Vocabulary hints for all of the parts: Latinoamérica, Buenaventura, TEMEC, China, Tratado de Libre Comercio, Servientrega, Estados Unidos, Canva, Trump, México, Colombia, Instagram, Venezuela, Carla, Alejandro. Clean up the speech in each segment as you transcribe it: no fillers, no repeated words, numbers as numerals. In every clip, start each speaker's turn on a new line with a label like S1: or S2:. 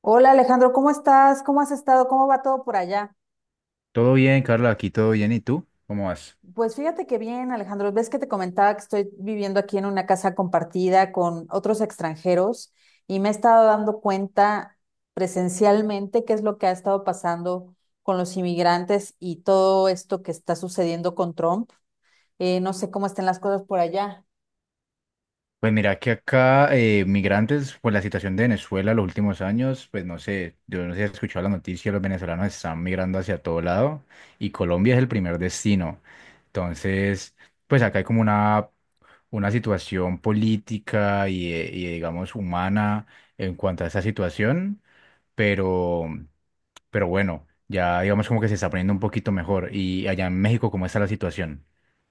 S1: Hola Alejandro, ¿cómo estás? ¿Cómo has estado? ¿Cómo va todo por allá?
S2: Todo bien, Carla, aquí todo bien. ¿Y tú? ¿Cómo vas?
S1: Pues fíjate que bien, Alejandro, ves que te comentaba que estoy viviendo aquí en una casa compartida con otros extranjeros y me he estado dando cuenta presencialmente qué es lo que ha estado pasando con los inmigrantes y todo esto que está sucediendo con Trump. No sé cómo estén las cosas por allá.
S2: Pues mira que acá migrantes, pues la situación de Venezuela los últimos años, pues no sé, yo no sé si has escuchado la noticia, los venezolanos están migrando hacia todo lado y Colombia es el primer destino. Entonces, pues acá hay como una situación política y digamos humana en cuanto a esa situación, pero, pero bueno, ya digamos como que se está poniendo un poquito mejor. ¿Y allá en México cómo está la situación?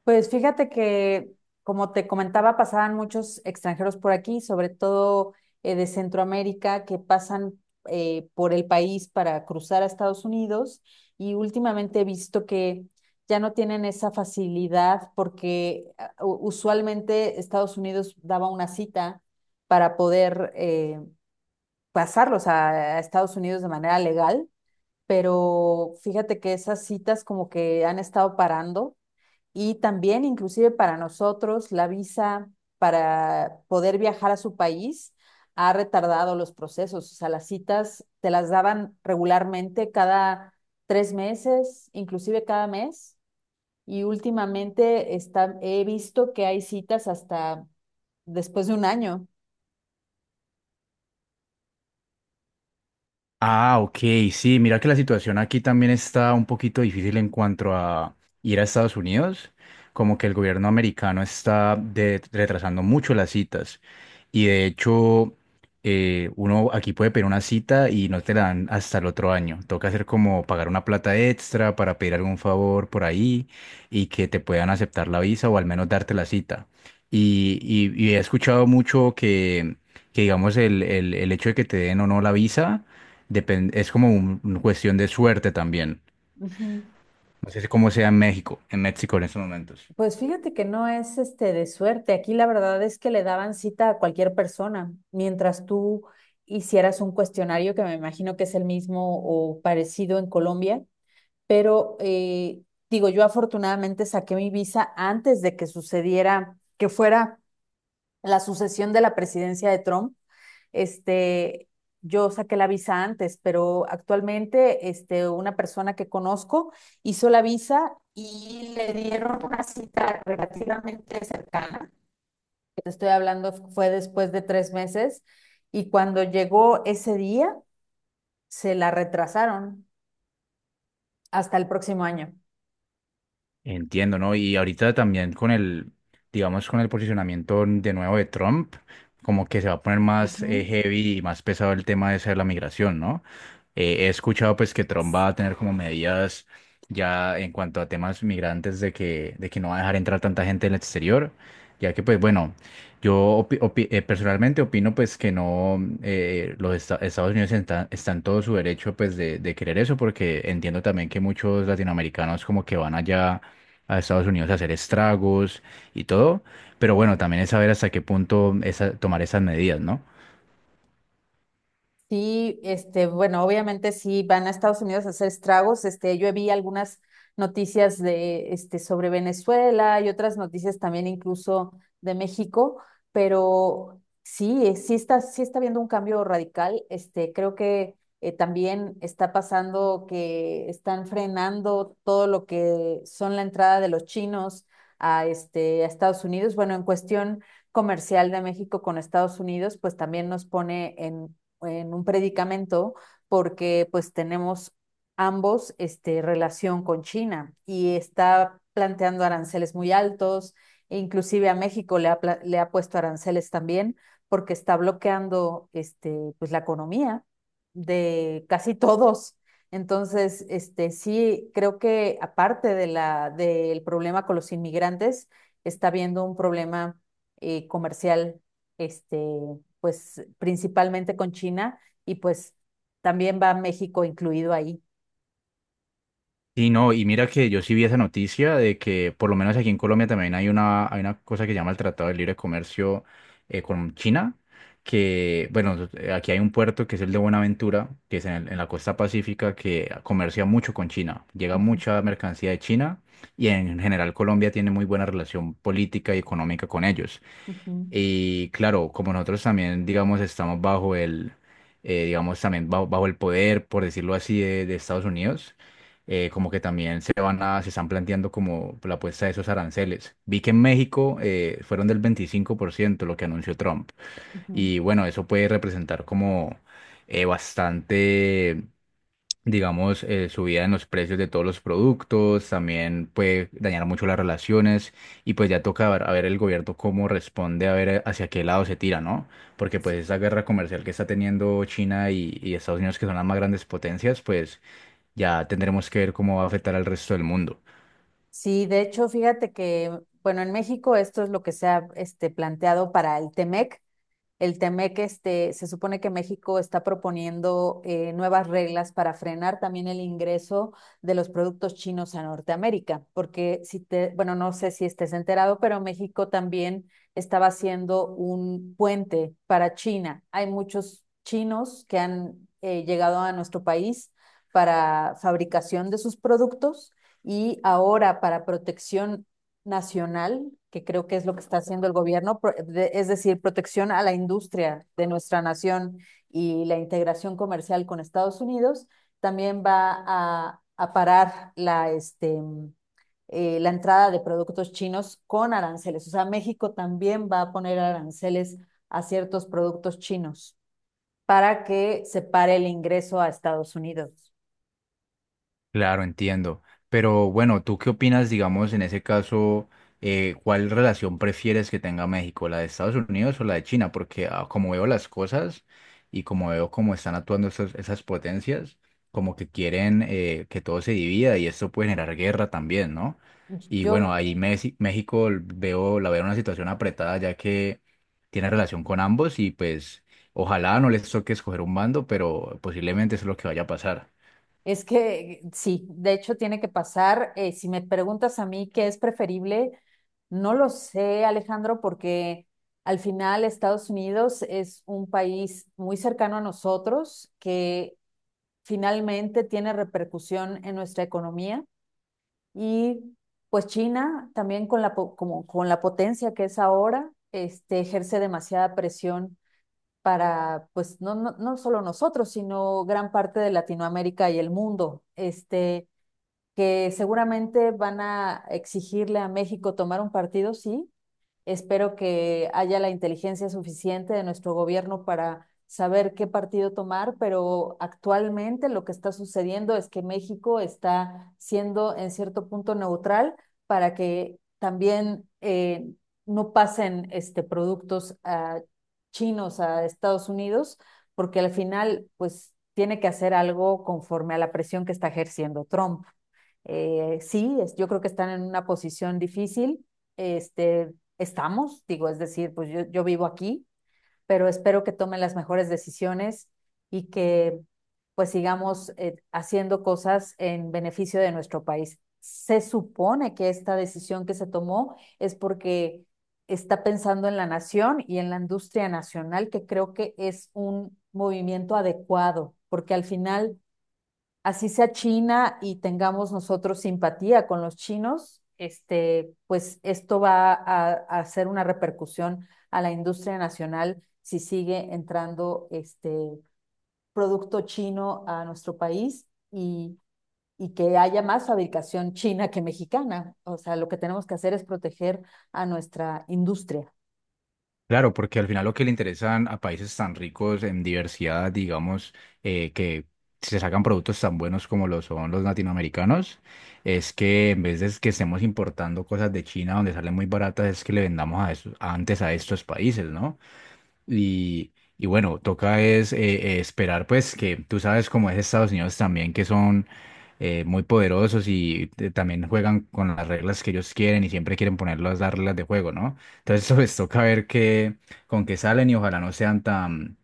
S1: Pues fíjate que, como te comentaba, pasaban muchos extranjeros por aquí, sobre todo de Centroamérica, que pasan por el país para cruzar a Estados Unidos. Y últimamente he visto que ya no tienen esa facilidad porque usualmente Estados Unidos daba una cita para poder pasarlos a Estados Unidos de manera legal. Pero fíjate que esas citas como que han estado parando y también, inclusive para nosotros, la visa para poder viajar a su país ha retardado los procesos. O sea, las citas te las daban regularmente cada tres meses, inclusive cada mes. Y últimamente está, he visto que hay citas hasta después de un año.
S2: Ah, ok, sí, mira que la situación aquí también está un poquito difícil en cuanto a ir a Estados Unidos, como que el gobierno americano está retrasando mucho las citas y de hecho, uno aquí puede pedir una cita y no te la dan hasta el otro año, toca hacer como pagar una plata extra para pedir algún favor por ahí y que te puedan aceptar la visa o al menos darte la cita. Y he escuchado mucho que digamos el hecho de que te den o no la visa, es como una cuestión de suerte también.
S1: Ujú.
S2: No sé si cómo sea en México, en México en estos momentos.
S1: Pues fíjate que no es este de suerte. Aquí la verdad es que le daban cita a cualquier persona, mientras tú hicieras un cuestionario que me imagino que es el mismo o parecido en Colombia, pero digo, yo afortunadamente saqué mi visa antes de que sucediera, que fuera la sucesión de la presidencia de Trump. Este, yo saqué la visa antes, pero actualmente este, una persona que conozco hizo la visa y le dieron una cita relativamente cercana. Te estoy hablando, fue después de tres meses y cuando llegó ese día, se la retrasaron hasta el próximo año.
S2: Entiendo, ¿no? Y ahorita también con el, digamos, con el posicionamiento de nuevo de Trump, como que se va a poner
S1: Uh
S2: más
S1: -huh.
S2: heavy y más pesado el tema ese de la migración, ¿no? He escuchado pues que Trump va a tener como medidas ya en cuanto a temas migrantes de de que no va a dejar entrar tanta gente del exterior, ya que pues bueno, personalmente opino pues que no, Estados Unidos están en todo su derecho pues de querer eso, porque entiendo también que muchos latinoamericanos como que van allá a Estados Unidos a hacer estragos y todo, pero bueno, también es saber hasta qué punto tomar esas medidas, ¿no?
S1: Sí, este, bueno, obviamente sí van a Estados Unidos a hacer estragos. Este, yo vi algunas noticias de, este, sobre Venezuela y otras noticias también incluso de México, pero sí, sí está habiendo un cambio radical. Este, creo que también está pasando que están frenando todo lo que son la entrada de los chinos a, este, a Estados Unidos. Bueno, en cuestión comercial de México con Estados Unidos, pues también nos pone en un predicamento porque pues tenemos ambos este, relación con China y está planteando aranceles muy altos, e inclusive a México le ha puesto aranceles también porque está bloqueando este, pues, la economía de casi todos. Entonces, este, sí, creo que aparte de la, del problema con los inmigrantes, está habiendo un problema comercial este, pues principalmente con China y pues también va México incluido ahí.
S2: Sí, no, y mira que yo sí vi esa noticia de que por lo menos aquí en Colombia también hay hay una cosa que se llama el Tratado de Libre Comercio con China, que bueno, aquí hay un puerto que es el de Buenaventura, que es en, en la costa pacífica, que comercia mucho con China, llega
S1: Ujú,
S2: mucha mercancía de China y en general Colombia tiene muy buena relación política y económica con ellos.
S1: ujú,
S2: Y claro, como nosotros también, digamos, estamos bajo el, digamos, también bajo el poder, por decirlo así, de Estados Unidos, como que también se van se están planteando como la puesta de esos aranceles. Vi que en México fueron del 25% lo que anunció Trump.
S1: ujú.
S2: Y bueno, eso puede representar como bastante digamos, subida en los precios de todos los productos, también puede dañar mucho las relaciones y pues ya toca ver, a ver el gobierno cómo responde, a ver hacia qué lado se tira, ¿no? Porque pues esa guerra comercial que está teniendo China y Estados Unidos, que son las más grandes potencias, pues ya tendremos que ver cómo va a afectar al resto del mundo.
S1: Sí, de hecho, fíjate que, bueno, en México esto es lo que se ha este, planteado para el Temec. El TEMEC, este, se supone que México está proponiendo nuevas reglas para frenar también el ingreso de los productos chinos a Norteamérica, porque si te, bueno, no sé si estés enterado, pero México también estaba haciendo un puente para China. Hay muchos chinos que han llegado a nuestro país para fabricación de sus productos y ahora para protección nacional, que creo que es lo que está haciendo el gobierno, es decir, protección a la industria de nuestra nación y la integración comercial con Estados Unidos, también va a parar la, este, la entrada de productos chinos con aranceles. O sea, México también va a poner aranceles a ciertos productos chinos para que se pare el ingreso a Estados Unidos.
S2: Claro, entiendo. Pero bueno, ¿tú qué opinas, digamos, en ese caso, cuál relación prefieres que tenga México, la de Estados Unidos o la de China? Porque ah, como veo las cosas y como veo cómo están actuando esas potencias, como que quieren que todo se divida y esto puede generar guerra también, ¿no? Y bueno,
S1: Yo...
S2: ahí México veo, la veo en una situación apretada ya que tiene relación con ambos y pues ojalá no les toque escoger un bando, pero posiblemente eso es lo que vaya a pasar.
S1: Es que sí, de hecho tiene que pasar. Si me preguntas a mí qué es preferible, no lo sé, Alejandro, porque al final Estados Unidos es un país muy cercano a nosotros que finalmente tiene repercusión en nuestra economía y pues China también con la, como, con la potencia que es ahora, este, ejerce demasiada presión para, pues, no, no, no solo nosotros, sino gran parte de Latinoamérica y el mundo. Este, que seguramente van a exigirle a México tomar un partido, sí. Espero que haya la inteligencia suficiente de nuestro gobierno para saber qué partido tomar, pero actualmente lo que está sucediendo es que México está siendo en cierto punto neutral para que también no pasen este, productos a chinos a Estados Unidos, porque al final pues tiene que hacer algo conforme a la presión que está ejerciendo Trump. Sí, yo creo que están en una posición difícil este, estamos, digo, es decir, pues yo vivo aquí, pero espero que tomen las mejores decisiones y que pues sigamos haciendo cosas en beneficio de nuestro país. Se supone que esta decisión que se tomó es porque está pensando en la nación y en la industria nacional, que creo que es un movimiento adecuado, porque al final así sea China y tengamos nosotros simpatía con los chinos, este, pues esto va a hacer una repercusión a la industria nacional si sigue entrando este producto chino a nuestro país y, y que haya más fabricación china que mexicana. O sea, lo que tenemos que hacer es proteger a nuestra industria.
S2: Claro, porque al final lo que le interesan a países tan ricos en diversidad, digamos, que se sacan productos tan buenos como lo son los latinoamericanos, es que en vez de que estemos importando cosas de China donde salen muy baratas, es que le vendamos a antes a estos países, ¿no? Y bueno, toca es esperar, pues, que tú sabes cómo es Estados Unidos también, que son muy poderosos y también juegan con las reglas que ellos quieren y siempre quieren ponerlas las reglas de juego, ¿no? Entonces, pues, toca ver con qué salen y ojalá no sean tan,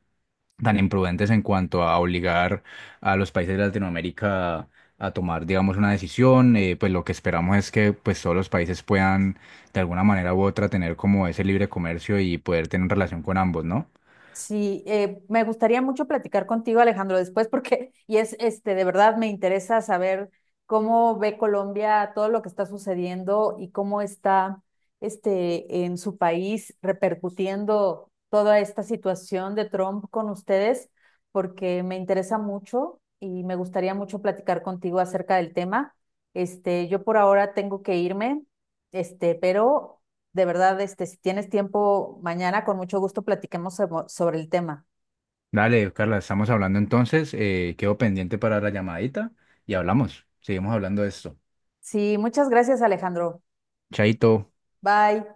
S2: tan imprudentes en cuanto a obligar a los países de Latinoamérica a tomar, digamos, una decisión. Pues, lo que esperamos es que, pues, todos los países puedan, de alguna manera u otra, tener como ese libre comercio y poder tener relación con ambos, ¿no?
S1: Sí, me gustaría mucho platicar contigo, Alejandro, después porque y es este de verdad me interesa saber cómo ve Colombia todo lo que está sucediendo y cómo está este en su país repercutiendo toda esta situación de Trump con ustedes, porque me interesa mucho y me gustaría mucho platicar contigo acerca del tema. Este, yo por ahora tengo que irme, este, pero de verdad, este, si tienes tiempo mañana, con mucho gusto platiquemos sobre el tema.
S2: Dale, Carla, estamos hablando entonces. Quedo pendiente para la llamadita y hablamos. Seguimos hablando de esto.
S1: Sí, muchas gracias, Alejandro.
S2: Chaito.
S1: Bye.